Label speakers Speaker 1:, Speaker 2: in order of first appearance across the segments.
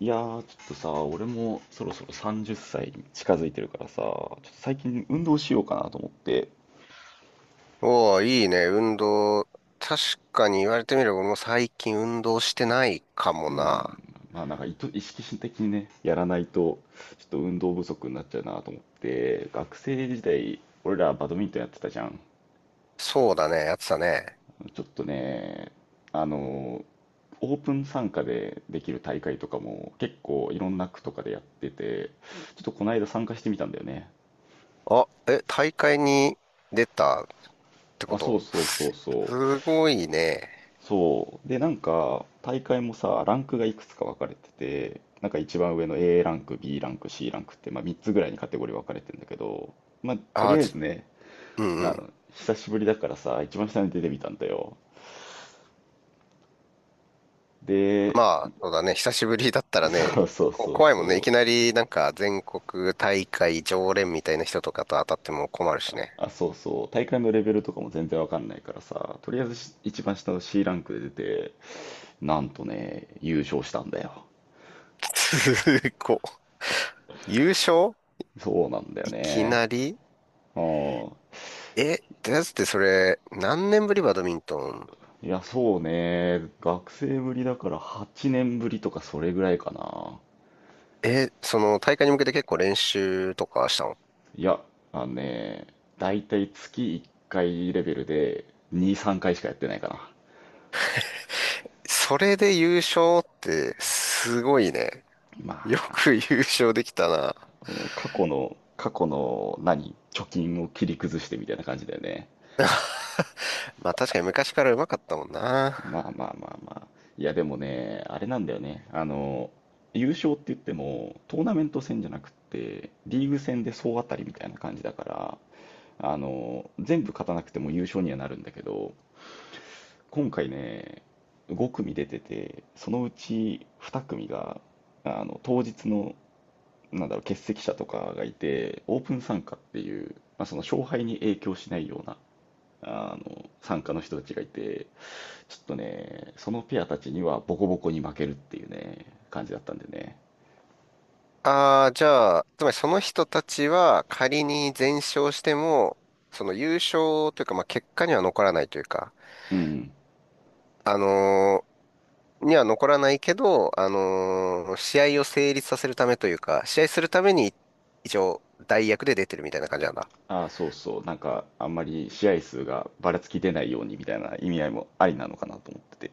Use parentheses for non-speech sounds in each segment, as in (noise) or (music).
Speaker 1: いやー、ちょっとさ、俺もそろそろ30歳に近づいてるからさ、ちょっと最近運動しようかなと思って、
Speaker 2: おお、いいね、運動。確かに言われてみれば、俺も最近運動してないかもな。
Speaker 1: まあなんか意識的にね、やらないと、ちょっと運動不足になっちゃうなと思って、学生時代、俺らバドミントンやってたじゃん。
Speaker 2: そうだね、やってたね。
Speaker 1: ちょっとね、あの、オープン参加でできる大会とかも結構いろんな区とかでやってて、ちょっとこの間参加してみたんだよね。
Speaker 2: あ、え、大会に出たってこ
Speaker 1: あ、そう
Speaker 2: と？
Speaker 1: そうそうそう。
Speaker 2: すごいね。
Speaker 1: そう。で、なんか、大会もさ、ランクがいくつか分かれてて、なんか一番上の A ランク、B ランク、C ランクって、まあ、3つぐらいにカテゴリー分かれてんだけど、まあ、とり
Speaker 2: あ、
Speaker 1: あえずね、
Speaker 2: うんうん。
Speaker 1: 久しぶりだからさ、一番下に出てみたんだよ。で、
Speaker 2: まあ、そうだね、久しぶりだったらね、
Speaker 1: そうそう
Speaker 2: こ
Speaker 1: そう
Speaker 2: 怖いもんね。い
Speaker 1: そ
Speaker 2: きな
Speaker 1: う。
Speaker 2: り、なんか、全国大会常連みたいな人とかと当たっても困るしね。
Speaker 1: あ、そうそう。大会のレベルとかも全然分かんないからさ、とりあえず一番下の C ランクで出て、なんとね、優勝したんだよ。
Speaker 2: すごい。(laughs) 優勝
Speaker 1: そうなんだよ
Speaker 2: いき
Speaker 1: ね。
Speaker 2: なり？
Speaker 1: うん。
Speaker 2: え、ってやつってそれ、何年ぶりバドミントン？
Speaker 1: いや、そうね。学生ぶりだから8年ぶりとかそれぐらいかな。
Speaker 2: え、その大会に向けて結構練習とかしたの？
Speaker 1: いや、あのね、だいたい月1回レベルで2、3回しかやってないかな。
Speaker 2: それで優勝ってすごいね。
Speaker 1: ま
Speaker 2: よ
Speaker 1: あ、
Speaker 2: く優勝できたな。
Speaker 1: もう過去の、貯金を切り崩してみたいな感じだよね。
Speaker 2: (laughs) まあ確かに昔から上手かったもんな。
Speaker 1: まあまあまあまあ。いや、でもね、あれなんだよね。優勝って言っても、トーナメント戦じゃなくって、リーグ戦で総当たりみたいな感じだから、全部勝たなくても優勝にはなるんだけど、今回ね、5組出てて、そのうち2組が、当日の、欠席者とかがいて、オープン参加っていう、まあ、その勝敗に影響しないような、参加の人たちがいて、ちょっとね、そのペアたちにはボコボコに負けるっていうね、感じだったんでね。
Speaker 2: ああ、じゃあ、つまりその人たちは仮に全勝しても、その優勝というか、まあ結果には残らないというか、
Speaker 1: うん。
Speaker 2: あのーには残らないけど、試合を成立させるためというか、試合するために一応代役で出てるみたいな感じなんだ。
Speaker 1: ああ、そうそう。なんか、あんまり試合数がばらつき出ないようにみたいな意味合いもありなのかなと思ってて。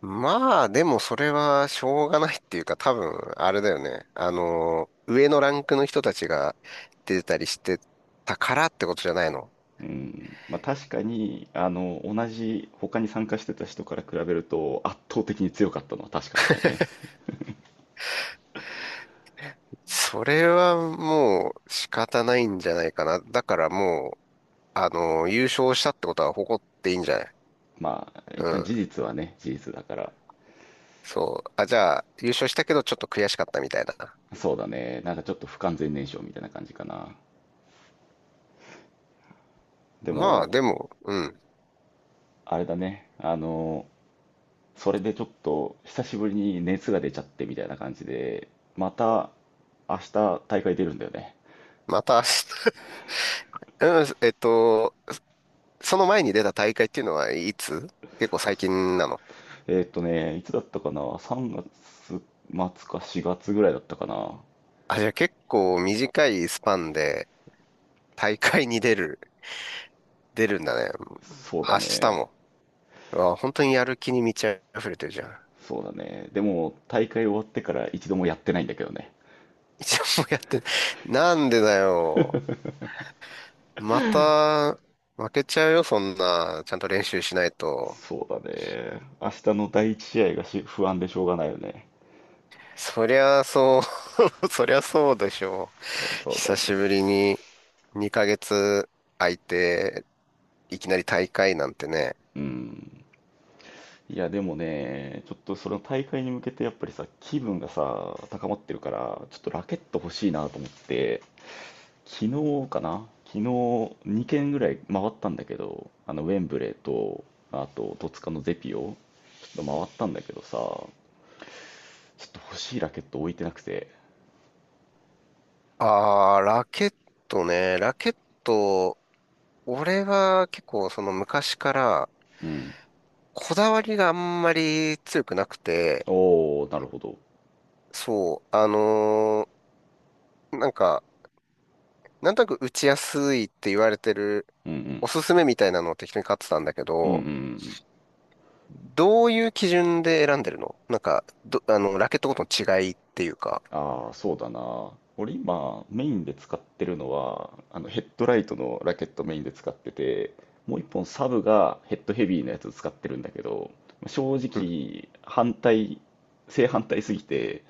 Speaker 2: まあ、でもそれはしょうがないっていうか、多分、あれだよね。上のランクの人たちが出たりしてたからってことじゃないの。
Speaker 1: うん、まあ確かに、同じ他に参加してた人から比べると圧倒的に強かったのは確かなんだよね。
Speaker 2: それはもう仕方ないんじゃないかな。だからもう、優勝したってことは誇っていいんじゃない？
Speaker 1: まあ、一
Speaker 2: う
Speaker 1: 旦
Speaker 2: ん。
Speaker 1: 事実はね、事実だから。
Speaker 2: そう。あ、じゃあ、優勝したけどちょっと悔しかったみたいな。
Speaker 1: そうだね。なんかちょっと不完全燃焼みたいな感じかな。で
Speaker 2: まあ、
Speaker 1: も、
Speaker 2: でも、うん。
Speaker 1: あれだね。それでちょっと久しぶりに熱が出ちゃってみたいな感じで、また明日大会出るんだよね。
Speaker 2: また明日？ (laughs) うんその前に出た大会っていうのはいつ？結構最近なの？
Speaker 1: いつだったかな？ 3 月末か4月ぐらいだったかな。
Speaker 2: あ、じゃあ結構短いスパンで大会に出る、(laughs) 出るんだね。
Speaker 1: そうだ
Speaker 2: 明日
Speaker 1: ね。
Speaker 2: も。うわ本当にやる気に満ち溢れてるじゃん。
Speaker 1: そうだね。でも、大会終わってから一度もやってないんだけどね。
Speaker 2: 一応もうやってな、なんでだよ。また、負けちゃうよ、そんな。ちゃんと練習しないと。
Speaker 1: そうだね。明日の第一試合が不安でしょうがないよね。
Speaker 2: そりゃそう。 (laughs) そりゃそうでしょう。
Speaker 1: そうそうだよ
Speaker 2: 久しぶ
Speaker 1: ね。
Speaker 2: りに2ヶ月空いて、いきなり大会なんてね。
Speaker 1: うん。いや、でもね、ちょっとその大会に向けてやっぱりさ、気分がさ、高まってるから、ちょっとラケット欲しいなと思って、昨昨日2軒ぐらい回ったんだけど、ウェンブレーと、あと、戸塚のゼピオ、ちょっと回ったんだけどさ、ちょっと欲しいラケット置いてなくて、
Speaker 2: ああ、ラケットね。ラケット、俺は結構その昔から
Speaker 1: うん。
Speaker 2: こだわりがあんまり強くなくて、
Speaker 1: おお、なるほど。
Speaker 2: そう、なんか、なんとなく打ちやすいって言われてる
Speaker 1: うんうん。
Speaker 2: おすすめみたいなのを適当に買ってたんだけ
Speaker 1: うんうんうん
Speaker 2: ど、
Speaker 1: うん。
Speaker 2: どういう基準で選んでるの？なんか、ど、あの、ラケットごとの違いっていうか。
Speaker 1: ああ、そうだな。俺今、メインで使ってるのは、あのヘッドライトのラケットメインで使ってて、もう一本サブがヘッドヘビーのやつ使ってるんだけど、正
Speaker 2: うん。
Speaker 1: 直、正反対すぎて、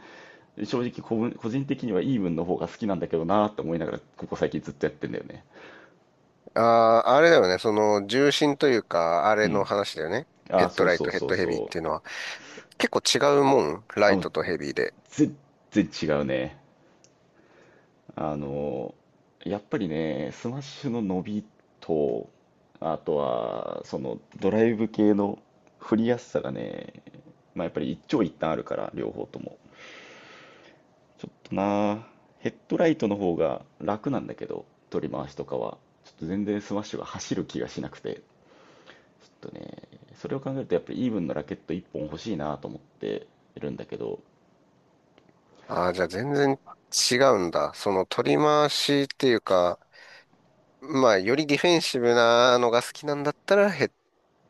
Speaker 1: 正直個人的にはイーブンの方が好きなんだけどなーって思いながら、ここ最近ずっとやってんだよね。
Speaker 2: ああ、あれだよね。その、重心というか、あ
Speaker 1: う
Speaker 2: れの
Speaker 1: ん。
Speaker 2: 話だよね。ヘ
Speaker 1: ああ、
Speaker 2: ッド
Speaker 1: そう
Speaker 2: ライ
Speaker 1: そ
Speaker 2: ト、
Speaker 1: う
Speaker 2: ヘッ
Speaker 1: そう
Speaker 2: ドヘビーっ
Speaker 1: そう。
Speaker 2: ていうのは。結構違うもん。ラ
Speaker 1: あ、
Speaker 2: イ
Speaker 1: もう
Speaker 2: トとヘビーで。
Speaker 1: 全然違うね。あの、やっぱりね、スマッシュの伸びと、あとは、そのドライブ系の振りやすさがね、まあやっぱり一長一短あるから、両方とも。ちょっとな、ヘッドライトの方が楽なんだけど、取り回しとかは。ちょっと全然スマッシュが走る気がしなくて、ちょっとね、それを考えるとやっぱりイーブンのラケット1本欲しいなと思ってるんだけど、
Speaker 2: ああ、じゃあ全然違うんだ。その、取り回しっていうか、まあ、よりディフェンシブなのが好きなんだったら、ヘッ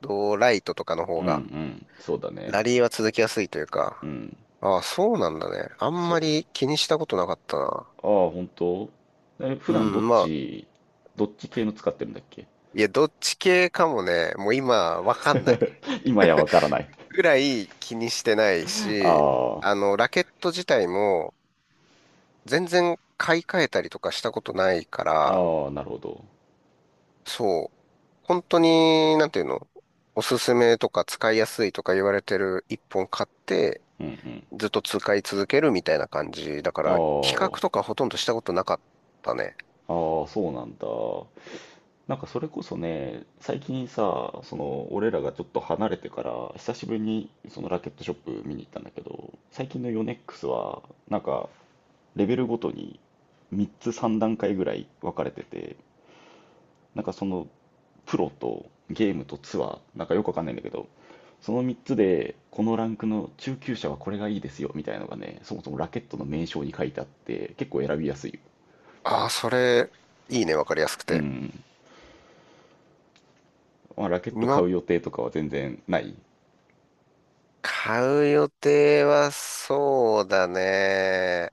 Speaker 2: ドライトとかの方
Speaker 1: うんう
Speaker 2: が、
Speaker 1: ん、そうだね。
Speaker 2: ラリーは続きやすいという
Speaker 1: う
Speaker 2: か。
Speaker 1: ん、
Speaker 2: ああ、そうなんだね。あん
Speaker 1: そ
Speaker 2: ま
Speaker 1: う。
Speaker 2: り気にしたことなかったな。
Speaker 1: ああ、本当普
Speaker 2: う
Speaker 1: 段
Speaker 2: ん、まあ、
Speaker 1: どっち系の使ってるんだっけ。
Speaker 2: いや、どっち系かもね、もう今わかんない
Speaker 1: (laughs) 今やわからない。
Speaker 2: ぐらい気にしてない
Speaker 1: あ
Speaker 2: し、
Speaker 1: あ、
Speaker 2: ラケット自体も全然買い替えたりとかしたことないから、
Speaker 1: ああ、なるほど。
Speaker 2: そう、本当に、なんていうの、おすすめとか使いやすいとか言われてる一本買って、
Speaker 1: うんうん。
Speaker 2: ずっと使い続けるみたいな感じ。だか
Speaker 1: あ
Speaker 2: ら、比較
Speaker 1: あ、
Speaker 2: とかほとんどしたことなかったね。
Speaker 1: ああ、そうなんだ。なんかそれこそね、最近さ、俺らがちょっと離れてから、久しぶりにそのラケットショップ見に行ったんだけど、最近のヨネックスは、なんか、レベルごとに3段階ぐらい分かれてて、なんかそのプロとゲームとツアー、なんかよくわかんないんだけど、その3つで、このランクの中級者はこれがいいですよみたいなのがね、そもそもラケットの名称に書いてあって、結構選びやすい。
Speaker 2: ああ、それ、いいね、わかりやすく
Speaker 1: う
Speaker 2: て。
Speaker 1: ん。まあ、ラケット買
Speaker 2: 今、
Speaker 1: う予定とかは全然ない。
Speaker 2: 買う予定はそうだね。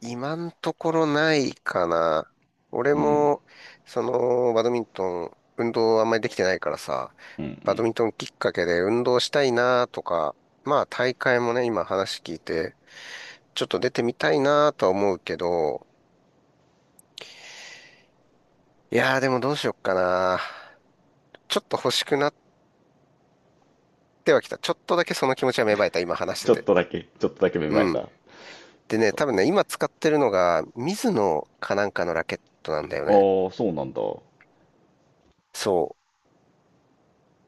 Speaker 2: 今んところないかな。俺
Speaker 1: うん。
Speaker 2: も、その、バドミントン、運動あんまりできてないからさ、バドミントンきっかけで運動したいなとか、まあ大会もね、今話聞いて、ちょっと出てみたいなとは思うけど、いやーでもどうしよっかな。ちょっと欲しくなってはきた。ちょっとだけその気持ちは芽生えた、今話し
Speaker 1: ち
Speaker 2: て
Speaker 1: ょっ
Speaker 2: て。
Speaker 1: とだけ、ちょっとだけ芽生え
Speaker 2: うん。
Speaker 1: た。
Speaker 2: でね、
Speaker 1: そ
Speaker 2: 多分ね、今使ってるのが、ミズノかなんかのラケットなんだよ
Speaker 1: う。
Speaker 2: ね。
Speaker 1: ああ、そうなんだ。う
Speaker 2: そう。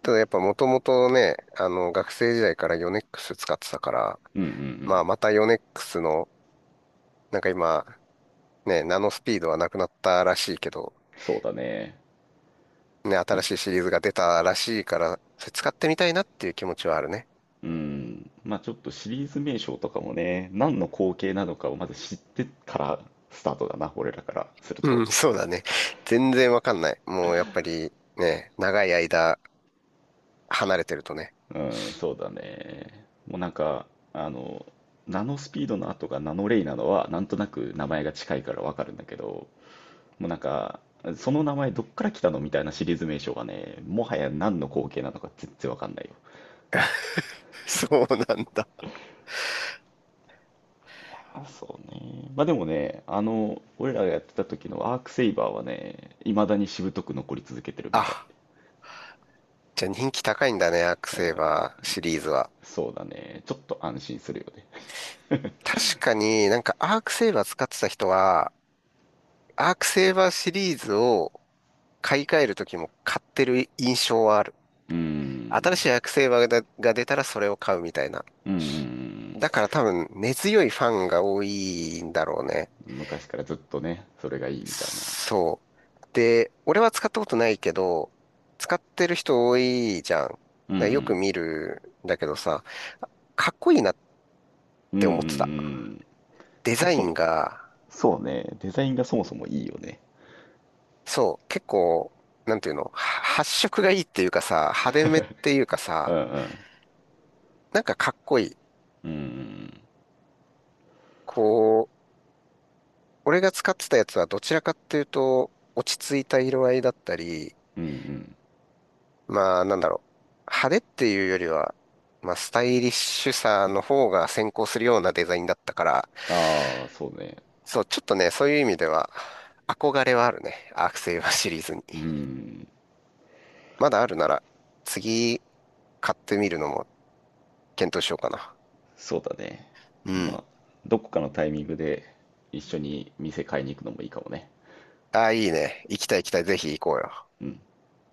Speaker 2: ただやっぱもともとね、学生時代からヨネックス使ってたから、
Speaker 1: んうんう
Speaker 2: ま
Speaker 1: ん。
Speaker 2: あまたヨネックスの、なんか今、ね、ナノスピードはなくなったらしいけど、
Speaker 1: そうだね。
Speaker 2: ね、
Speaker 1: なん
Speaker 2: 新
Speaker 1: か、
Speaker 2: しいシリーズが出たらしいから、それ使ってみたいなっていう気持ちはあるね。
Speaker 1: うん。まあちょっとシリーズ名称とかもね、何の光景なのかをまず知ってからスタートだな、俺らからすると。
Speaker 2: うん、(laughs) そうだね。全然わかんない。もうやっぱりね、長い間離れてるとね。
Speaker 1: うん、そうだね。もうなんか、あの、ナノスピードの後がナノレイなのは、なんとなく名前が近いからわかるんだけど、もうなんか、その名前どっから来たのみたいなシリーズ名称がね、もはや何の光景なのか全然わかんないよ。
Speaker 2: (laughs) そうなんだ。
Speaker 1: いやー、そうね。まあでもね、俺らがやってた時のアークセイバーはね、未だにしぶとく残り続けてるみ
Speaker 2: あ、
Speaker 1: たい。
Speaker 2: じゃあ人気高いんだね、アークセーバーシリーズは。
Speaker 1: そうだね。ちょっと安心するよね。
Speaker 2: 確かになんかアークセーバー使ってた人は、アークセーバーシリーズを買い替える時も買ってる印象はある。
Speaker 1: うーん。
Speaker 2: 新しいアクセサリーが出たらそれを買うみたいな。
Speaker 1: うんうん
Speaker 2: だから多分根強いファンが多いんだろうね。
Speaker 1: うん。昔からずっとね、それがいいみたいな。
Speaker 2: そう。で、俺は使ったことないけど、使ってる人多いじゃん。だか
Speaker 1: うんう
Speaker 2: らよく
Speaker 1: ん
Speaker 2: 見るんだけどさ、かっこいいなっ
Speaker 1: うんう
Speaker 2: て
Speaker 1: んう
Speaker 2: 思ってた。
Speaker 1: ん。
Speaker 2: デ
Speaker 1: あ、
Speaker 2: ザイ
Speaker 1: そう
Speaker 2: ンが、
Speaker 1: そうね、デザインがそもそもいいよね。
Speaker 2: そう、結構、なんていうの、は発色がいいっていうかさ、派手めっていうかさ、なんかかっこいい。こう、俺が使ってたやつはどちらかっていうと、落ち着いた色合いだったり、まあなんだろう、派手っていうよりは、まあスタイリッシュさの方が先行するようなデザインだったから、
Speaker 1: ああ、そうね。
Speaker 2: そう、ちょっとね、そういう意味では、憧れはあるね。アークセイバーシリーズに。まだあるなら、次買ってみるのも検討しようかな。
Speaker 1: そうだね。
Speaker 2: う
Speaker 1: ま
Speaker 2: ん。
Speaker 1: あ、どこかのタイミングで一緒に店買いに行くのもいいかもね。
Speaker 2: ああ、いいね。行きたい行きたい。ぜひ行こうよ。